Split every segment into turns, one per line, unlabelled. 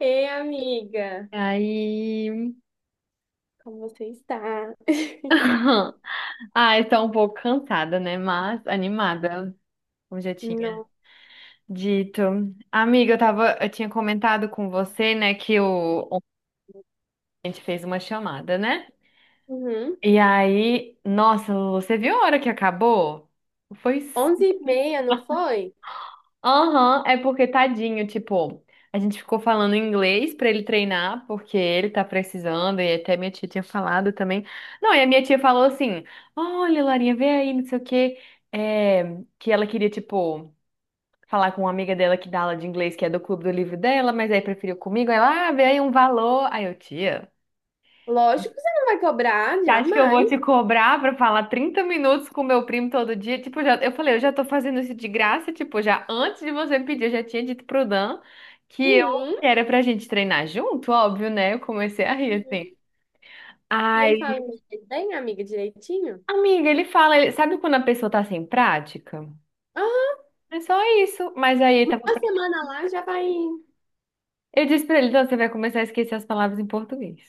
Ei, amiga,
Aí.
como você está?
Ah, estou um pouco cansada, né? Mas animada, como já tinha
Não.
dito. Amiga, eu tinha comentado com você, né, que ontem a gente fez uma chamada, né?
Uhum.
E aí, nossa, você viu a hora que acabou? Foi.
11h30, não foi?
Aham, é porque tadinho, tipo, a gente ficou falando em inglês pra ele treinar, porque ele tá precisando, e até minha tia tinha falado também. Não, e a minha tia falou assim: olha, Larinha, vê aí, não sei o quê, é, que ela queria, tipo, falar com uma amiga dela que dá aula de inglês, que é do clube do livro dela, mas aí preferiu comigo. Aí ela, ah, vê aí um valor. Aí eu, tia.
Lógico que você não vai cobrar,
Você acha que eu vou
jamais.
te cobrar pra falar 30 minutos com meu primo todo dia? Tipo, já, eu falei, eu já tô fazendo isso de graça, tipo, já antes de você me pedir, eu já tinha dito pro Dan que eu
Sim.
que era pra gente treinar junto, óbvio, né? Eu comecei a rir assim.
Sim. E
Ai,
ele fala inglês bem, amiga, direitinho?
amiga, ele fala, sabe quando a pessoa tá sem prática?
Aham,
É só isso. Mas aí ele tava.
uma semana lá já vai.
Eu disse pra ele, então você vai começar a esquecer as palavras em português.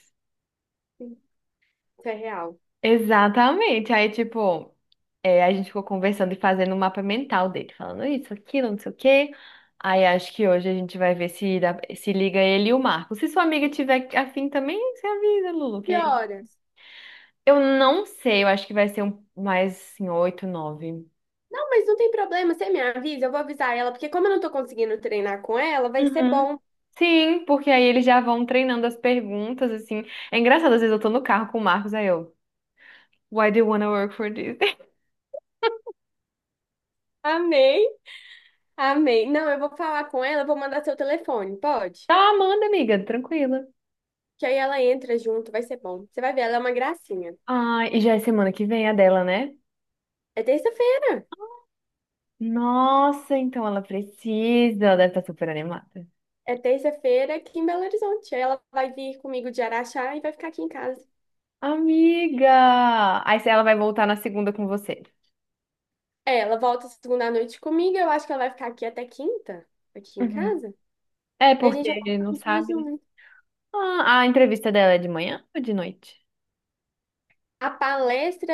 Isso é real.
Exatamente. Aí, tipo, é, a gente ficou conversando e fazendo um mapa mental dele, falando isso, aquilo, não sei o quê. Aí acho que hoje a gente vai ver se, se liga ele e o Marco. Se sua amiga tiver afim também, você avisa, Lulu,
Que
que
horas?
eu não sei, eu acho que vai ser um, mais assim, oito, nove.
Não, mas não tem problema, você me avisa, eu vou avisar ela, porque como eu não tô conseguindo treinar com ela, vai ser
Uhum.
bom.
Sim, porque aí eles já vão treinando as perguntas, assim. É engraçado, às vezes eu tô no carro com o Marcos, aí eu, why do you wanna work for this?
Amei, amei. Não, eu vou falar com ela, eu vou mandar seu telefone, pode?
Tá, manda, amiga, tranquila.
Que aí ela entra junto, vai ser bom. Você vai ver, ela é uma gracinha.
Ah, e já é semana que vem a dela, né?
É terça-feira.
Nossa, então ela precisa, ela deve estar super animada.
É terça-feira aqui em Belo Horizonte. Aí ela vai vir comigo de Araxá e vai ficar aqui em casa.
Amiga! Aí se ela vai voltar na segunda com você.
É, ela volta segunda à noite comigo, eu acho que ela vai ficar aqui até quinta, aqui em
Uhum.
casa.
É
E a gente
porque
já tá
ele não
de
sabe, né?
junto.
Ah, a entrevista dela é de manhã ou de noite?
A palestra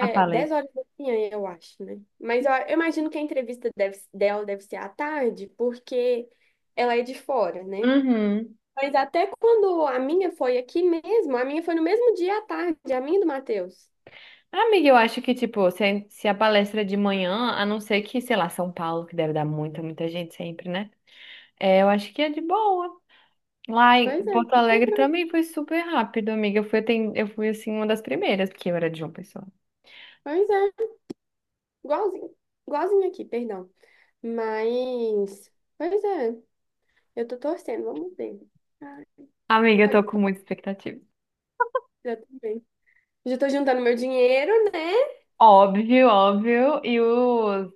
A
10
palestra.
horas da manhã, eu acho, né? Mas eu imagino que a entrevista dela deve ser à tarde, porque ela é de fora, né?
Uhum.
Mas até quando a minha foi aqui mesmo, a minha foi no mesmo dia à tarde, a minha e do Matheus.
Amiga, eu acho que, tipo, se a palestra é de manhã, a não ser que, sei lá, São Paulo, que deve dar muita, muita gente sempre, né? É, eu acho que é de boa. Lá em
Pois é,
Porto Alegre também foi super rápido, amiga. Eu fui, eu fui assim, uma das primeiras, porque eu era de João Pessoa.
pois é, igualzinho, igualzinho aqui, perdão. Mas, pois é, eu tô torcendo, vamos ver. Ai,
Amiga, eu
pode,
tô com
pode
muita expectativa.
ser também. Já tô juntando meu dinheiro, né?
Óbvio, óbvio. E os.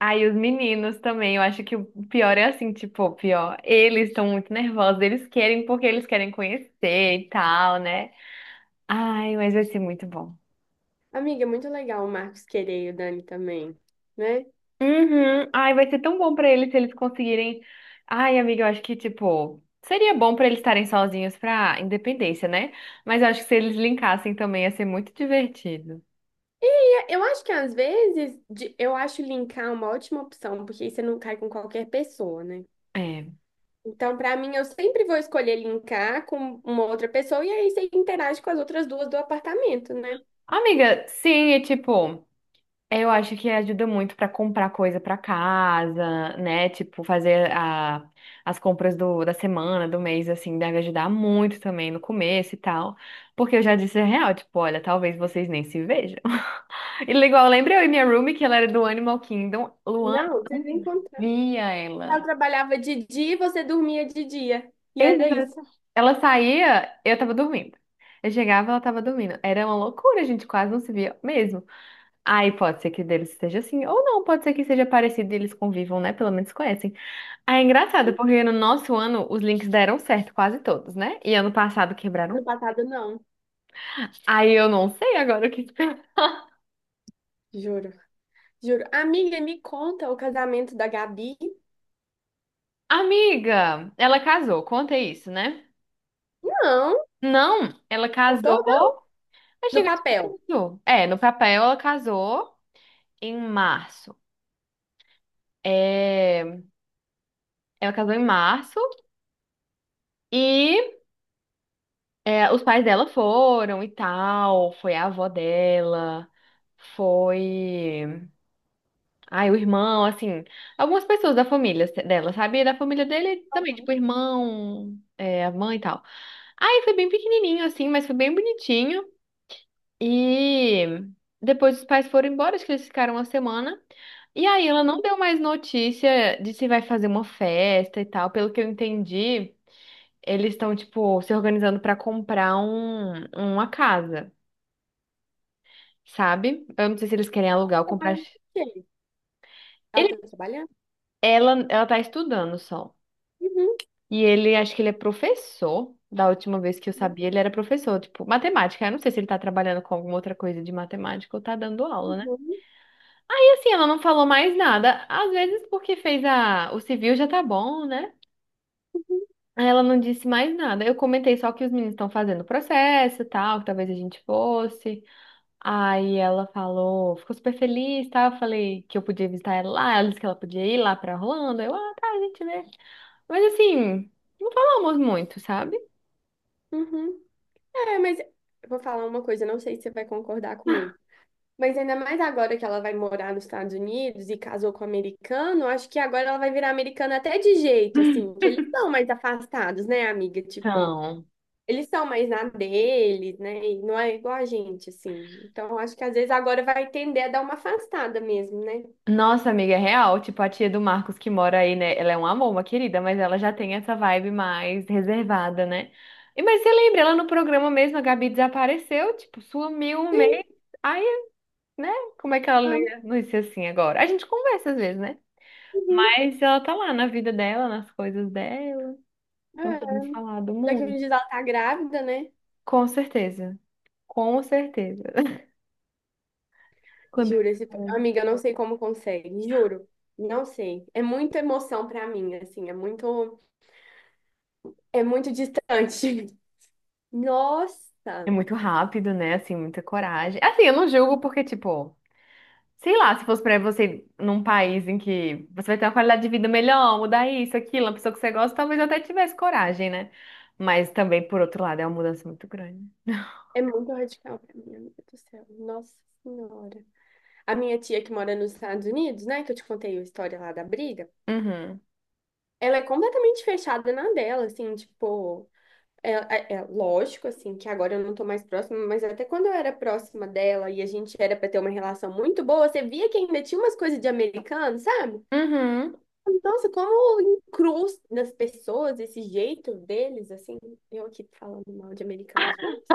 Aí, os meninos também. Eu acho que o pior é assim, tipo, o pior. Eles estão muito nervosos. Eles querem porque eles querem conhecer e tal, né? Ai, mas vai ser muito bom.
Amiga, é muito legal o Marcos querer e o Dani também, né?
Uhum. Ai, vai ser tão bom pra eles se eles conseguirem. Ai, amiga, eu acho que, tipo. Seria bom pra eles estarem sozinhos pra independência, né? Mas eu acho que se eles linkassem também ia ser muito divertido.
Eu acho que às vezes, eu acho linkar uma ótima opção, porque aí você não cai com qualquer pessoa, né?
É.
Então, para mim, eu sempre vou escolher linkar com uma outra pessoa e aí você interage com as outras duas do apartamento, né?
Amiga, sim, e tipo. É, eu acho que ajuda muito para comprar coisa para casa, né? Tipo, fazer a, as compras da semana, do mês, assim, deve ajudar muito também no começo e tal. Porque eu já disse a real, tipo, olha, talvez vocês nem se vejam. E igual, lembra eu e minha roomie, que ela era do Animal Kingdom? Luana
Não, vocês
não
encontrar.
via
Ela
ela.
trabalhava de dia e você dormia de dia. E era isso.
Exato. Ela saía, eu tava dormindo. Eu chegava, ela tava dormindo. Era uma loucura, a gente quase não se via mesmo. Aí pode ser que deles esteja assim, ou não, pode ser que seja parecido e eles convivam, né? Pelo menos conhecem. Aí é engraçado, porque no nosso ano os links deram certo, quase todos, né? E ano passado quebraram.
Ano passado, não.
Aí eu não sei agora o que esperar.
Juro, juro. Amiga, me conta o casamento da Gabi.
Amiga, ela casou, conta isso, né?
Não,
Não, ela
contou não.
casou. Eu
No
chego
papel.
isso. É, no papel ela casou em março. É, ela casou em março. E é, os pais dela foram e tal, foi a avó dela, foi. Ai, o irmão, assim, algumas pessoas da família dela, sabe? E da família dele também,
Uhum.
tipo, o irmão, é, a mãe e tal. Aí foi bem pequenininho, assim, mas foi bem bonitinho. E depois os pais foram embora, acho que eles ficaram uma semana. E aí ela não
Uhum.
deu mais notícia de se vai fazer uma festa e tal, pelo que eu entendi eles estão, tipo, se organizando pra comprar uma casa, sabe? Eu não sei se eles querem alugar ou comprar.
Trabalhando com quem? Ela
Ele,
tá trabalhando?
ela tá estudando só.
Uhum.
E ele, acho que ele é professor. Da última vez que eu sabia, ele era professor, tipo, matemática. Eu não sei se ele tá trabalhando com alguma outra coisa de matemática ou tá dando aula, né?
Uhum.
E assim, ela não falou mais nada. Às vezes, porque fez a... o civil já tá bom, né?
Uhum.
Aí ela não disse mais nada. Eu comentei só que os meninos estão fazendo o processo e tal, que talvez a gente fosse. Aí ela falou, ficou super feliz, tá? Eu falei que eu podia visitar ela lá, ela disse que ela podia ir lá pra Orlando. Eu, ah, tá, a gente vê. Mas assim, não falamos muito, sabe?
Uhum. É, mas eu vou falar uma coisa, não sei se você vai concordar comigo. Mas ainda mais agora que ela vai morar nos Estados Unidos e casou com um americano, acho que agora ela vai virar americana até de jeito, assim, que eles são mais afastados, né, amiga? Tipo,
Então,
eles são mais na deles, né? E não é igual a gente, assim. Então, acho que às vezes agora vai tender a dar uma afastada mesmo, né?
nossa amiga é real, tipo a tia do Marcos que mora aí, né? Ela é um amor, uma querida, mas ela já tem essa vibe mais reservada, né? E mas você lembra, ela no programa mesmo, a Gabi desapareceu, tipo, sumiu um
Sim,
mês. Aí, né? Como é que ela não
ah,
ia não ia ser assim agora? A gente conversa às vezes, né?
uhum,
Mas ela tá lá na vida dela, nas coisas dela.
é.
Não temos falado
Daqui a uns
muito.
dias ela tá grávida, né?
Com certeza. Com certeza. Quando é
Juro, amiga, eu não sei como consegue, juro. Não sei. É muita emoção pra mim, assim, é muito distante.
é
Nossa,
muito rápido, né? Assim, muita coragem. Assim, eu não julgo porque, tipo, sei lá, se fosse pra você num país em que você vai ter uma qualidade de vida melhor, mudar isso, aquilo, uma pessoa que você gosta, talvez eu até tivesse coragem, né? Mas também, por outro lado, é uma mudança muito grande.
é muito radical pra mim, amiga do céu. Nossa Senhora. A minha tia que mora nos Estados Unidos, né, que eu te contei a história lá da briga,
Uhum.
ela é completamente fechada na dela, assim, tipo, é lógico, assim, que agora eu não tô mais próxima, mas até quando eu era próxima dela e a gente era pra ter uma relação muito boa, você via que ainda tinha umas coisas de americano, sabe?
Uhum.
Nossa, como encruz nas pessoas, esse jeito deles, assim, eu aqui falando mal de americanos, mas.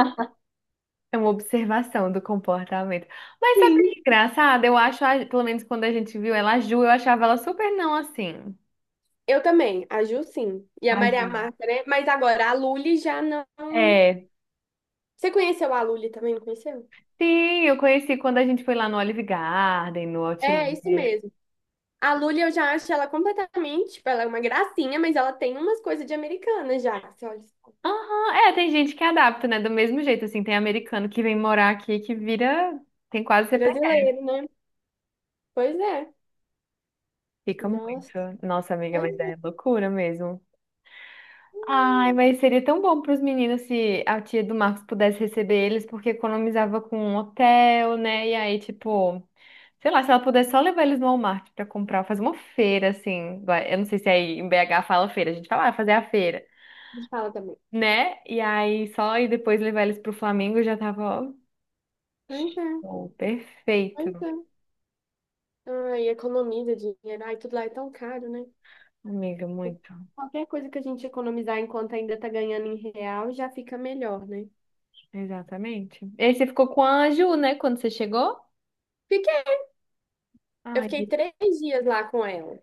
É uma observação do comportamento. Mas sabe que é
Sim.
engraçado? Eu acho, pelo menos quando a gente viu ela, a Ju, eu achava ela super não assim.
Eu também, a Ju sim. E a
Ai,
Maria
Ju.
Marta, né? Mas agora, a Lully já não.
É,
Você conheceu a Lully também, não conheceu?
sim, eu conheci quando a gente foi lá no Olive Garden, no
É,
Outlet.
isso mesmo. A Lully eu já acho ela completamente. Tipo, ela é uma gracinha, mas ela tem umas coisas de americana já. Que você olha, só.
Aham, é, tem gente que adapta, né? Do mesmo jeito, assim, tem americano que vem morar aqui que vira, tem quase
Brasileiro,
CPF.
né? Pois é.
Fica
Nossa,
muito. Nossa, amiga,
pois
mas é
é.
loucura mesmo. Ai, mas seria tão bom para os meninos se a tia do Marcos pudesse receber eles, porque economizava com um hotel, né? E aí, tipo, sei lá, se ela pudesse só levar eles no Walmart para comprar, fazer uma feira, assim. Eu não sei se é aí em BH fala feira, a gente fala, ah, fazer a feira,
Fala também.
né? E aí só e depois levar eles pro Flamengo já tava, ó,
Pois é,
show,
pois
perfeito.
é. Ai, economiza dinheiro. Ai, tudo lá é tão caro, né?
Amiga, muito.
Qualquer coisa que a gente economizar enquanto ainda tá ganhando em real já fica melhor, né?
Exatamente. E aí você ficou com a Ju, né, quando você chegou?
Fica Eu
Ai,
fiquei 3 dias lá com ela.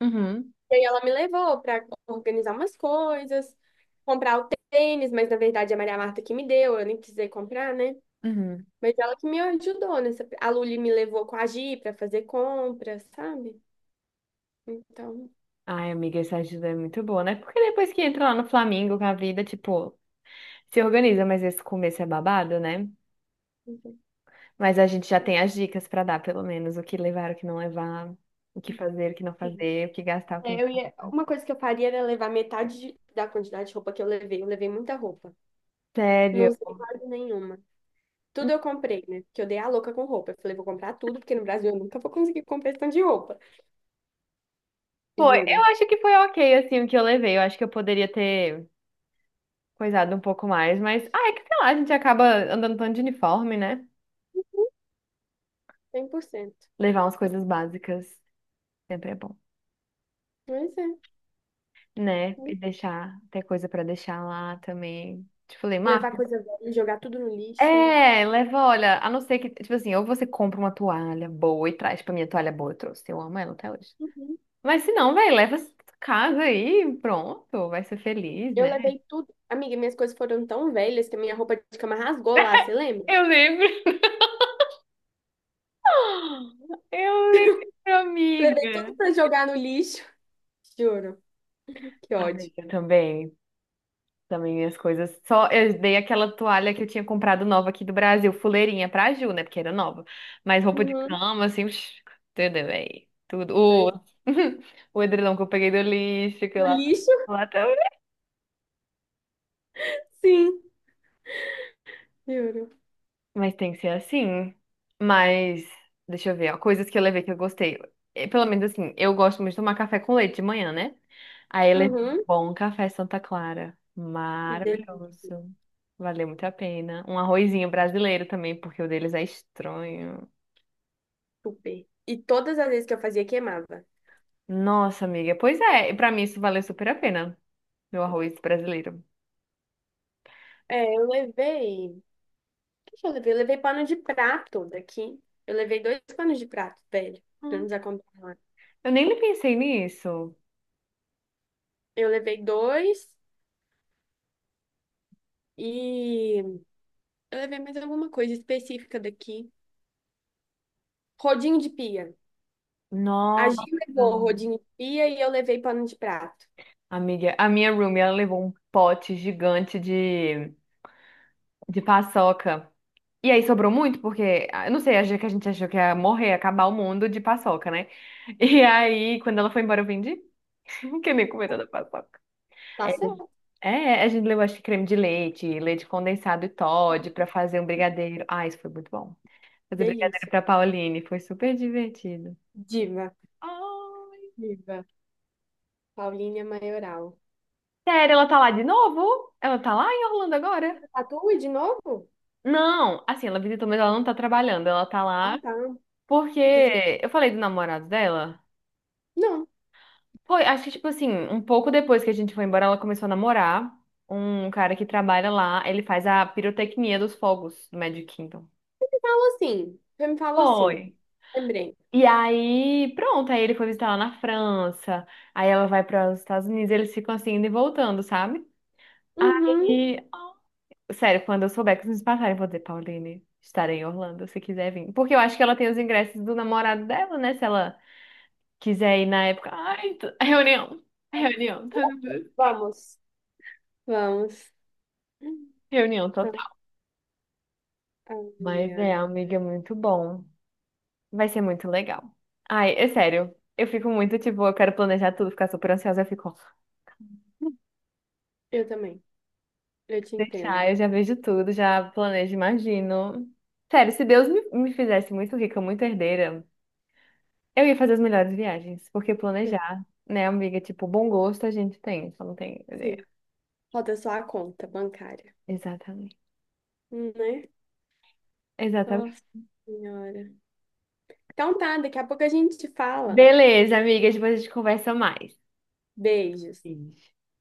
uhum,
E aí ela me levou para organizar umas coisas, comprar o tênis, mas na verdade é a Maria Marta que me deu, eu nem precisei comprar, né?
uhum.
Mas ela que me ajudou nessa. A Luli me levou com a Gi para fazer compras, sabe? Então,
Ai, amiga, essa ajuda é muito boa, né? Porque depois que entra lá no Flamengo com a vida, tipo, se organiza, mas esse começo é babado, né?
enfim.
Mas a gente já tem as dicas pra dar, pelo menos, o que levar, o que não levar, o que fazer, o que não fazer, o que gastar, o que não.
É, eu ia... Uma coisa que eu faria era levar metade de- da quantidade de roupa que eu levei. Eu levei muita roupa. Não
Sério.
usei quase nenhuma.
Hum.
Tudo eu comprei, né? Porque eu dei a louca com roupa. Eu falei, vou comprar tudo, porque no Brasil eu nunca vou conseguir comprar esse tanto de roupa.
Foi, eu
Juro.
acho que foi ok, assim, o que eu levei. Eu acho que eu poderia ter coisado um pouco mais, mas, ah, é que sei lá, a gente acaba andando tanto de uniforme, né?
100%,
Levar umas coisas básicas sempre é bom,
mas é, né?
né? E deixar, ter coisa pra deixar lá também. Te falei,
Levar
Marcos.
coisa velha, jogar tudo no lixo.
É, leva, olha, a não ser que, tipo assim, ou você compra uma toalha boa e traz pra minha toalha boa, eu trouxe, eu amo ela até hoje.
Uhum.
Mas se não, velho, leva essa casa aí, pronto, vai ser feliz,
Eu
né?
levei tudo. Amiga, minhas coisas foram tão velhas que a minha roupa de cama rasgou lá, você lembra?
Eu lembro, eu lembro,
Levei
amiga.
tudo pra jogar no lixo. Juro. Que ódio.
Amiga, também, também minhas coisas, só eu dei aquela toalha que eu tinha comprado nova aqui do Brasil, fuleirinha pra Ju, né, porque era nova, mas roupa de
Uhum.
cama, assim, psh, tudo, bem, tudo.
Pois
O,
é.
o edredom que eu peguei do lixo, que eu
No
lavo
lixo?
lá.
Sim, juro.
Mas tem que ser assim. Mas, deixa eu ver, ó, coisas que eu levei que eu gostei. Pelo menos assim, eu gosto muito de tomar café com leite de manhã, né? Aí eu levei um
Uhum.
bom café Santa Clara. Maravilhoso. Valeu muito a pena. Um arrozinho brasileiro também, porque o deles é estranho.
Desculpe. E todas as vezes que eu fazia, queimava.
Nossa, amiga, pois é, e pra mim isso valeu super a pena, meu arroz brasileiro.
É, eu levei. O que que eu levei? Eu levei pano de prato daqui. Eu levei dois panos de prato, velho. Pra
Hum.
nos acompanhar lá.
Eu nem pensei nisso.
Eu levei dois. E eu levei mais alguma coisa específica daqui. Rodinho de pia. A
Nossa.
Gi levou rodinho de pia e eu levei pano de prato.
Amiga, a minha roomie, ela levou um pote gigante de paçoca. E aí sobrou muito, porque, ah, eu não sei, achei que a gente achou que ia morrer, acabar o mundo de paçoca, né? E aí, quando ela foi embora, eu vendi. Que eu nem comi toda a paçoca.
Tá
É,
certo.
é, a gente levou, acho que creme de leite, leite condensado e Toddy pra fazer um brigadeiro. Ah, isso foi muito bom. Fazer brigadeiro
Delícia.
pra Pauline, foi super divertido.
Diva.
Ai,
Diva. Paulinha Maioral.
sério, ela tá lá de novo? Ela tá lá em Orlando agora?
Tatu de novo?
Não, assim, ela visitou, mas ela não tá trabalhando, ela tá lá
Ah, tá.
porque
Preciso-
eu falei do namorado dela.
Não,
Foi, acho que tipo assim, um pouco depois que a gente foi embora, ela começou a namorar um cara que trabalha lá, ele faz a pirotecnia dos fogos do Magic Kingdom.
falou assim. Você me falou assim.
Foi.
Lembrei.
E aí, pronto, aí ele foi visitar ela na França, aí ela vai para os Estados Unidos, eles ficam assim indo e voltando, sabe?
Uhum.
Aí, sério, quando eu souber que vocês me passarem, eu vou dizer, Pauline, estarei em Orlando, se quiser vir. Porque eu acho que ela tem os ingressos do namorado dela, né? Se ela quiser ir na época. Ai, reunião, reunião, tá
Vamos. Vamos.
reunião
Ah,
total.
ai,
Mas é,
ai.
amiga, é muito bom. Vai ser muito legal. Ai, é sério, eu fico muito, tipo, eu quero planejar tudo, ficar super ansiosa, eu fico,
Eu também. Eu te entendo.
deixar, eu já vejo tudo, já planejo, imagino. Sério, se Deus me fizesse muito rica, muito herdeira. Eu ia fazer as melhores viagens, porque
Eu-
planejar, né, amiga? Tipo, bom gosto a gente tem, só não tem ideia.
Sim. Falta só a conta bancária,
Exatamente.
né?
Exatamente.
Nossa Senhora. Então tá, daqui a pouco a gente fala.
Beleza, amiga, depois a gente conversa mais.
Beijos.
Beijo.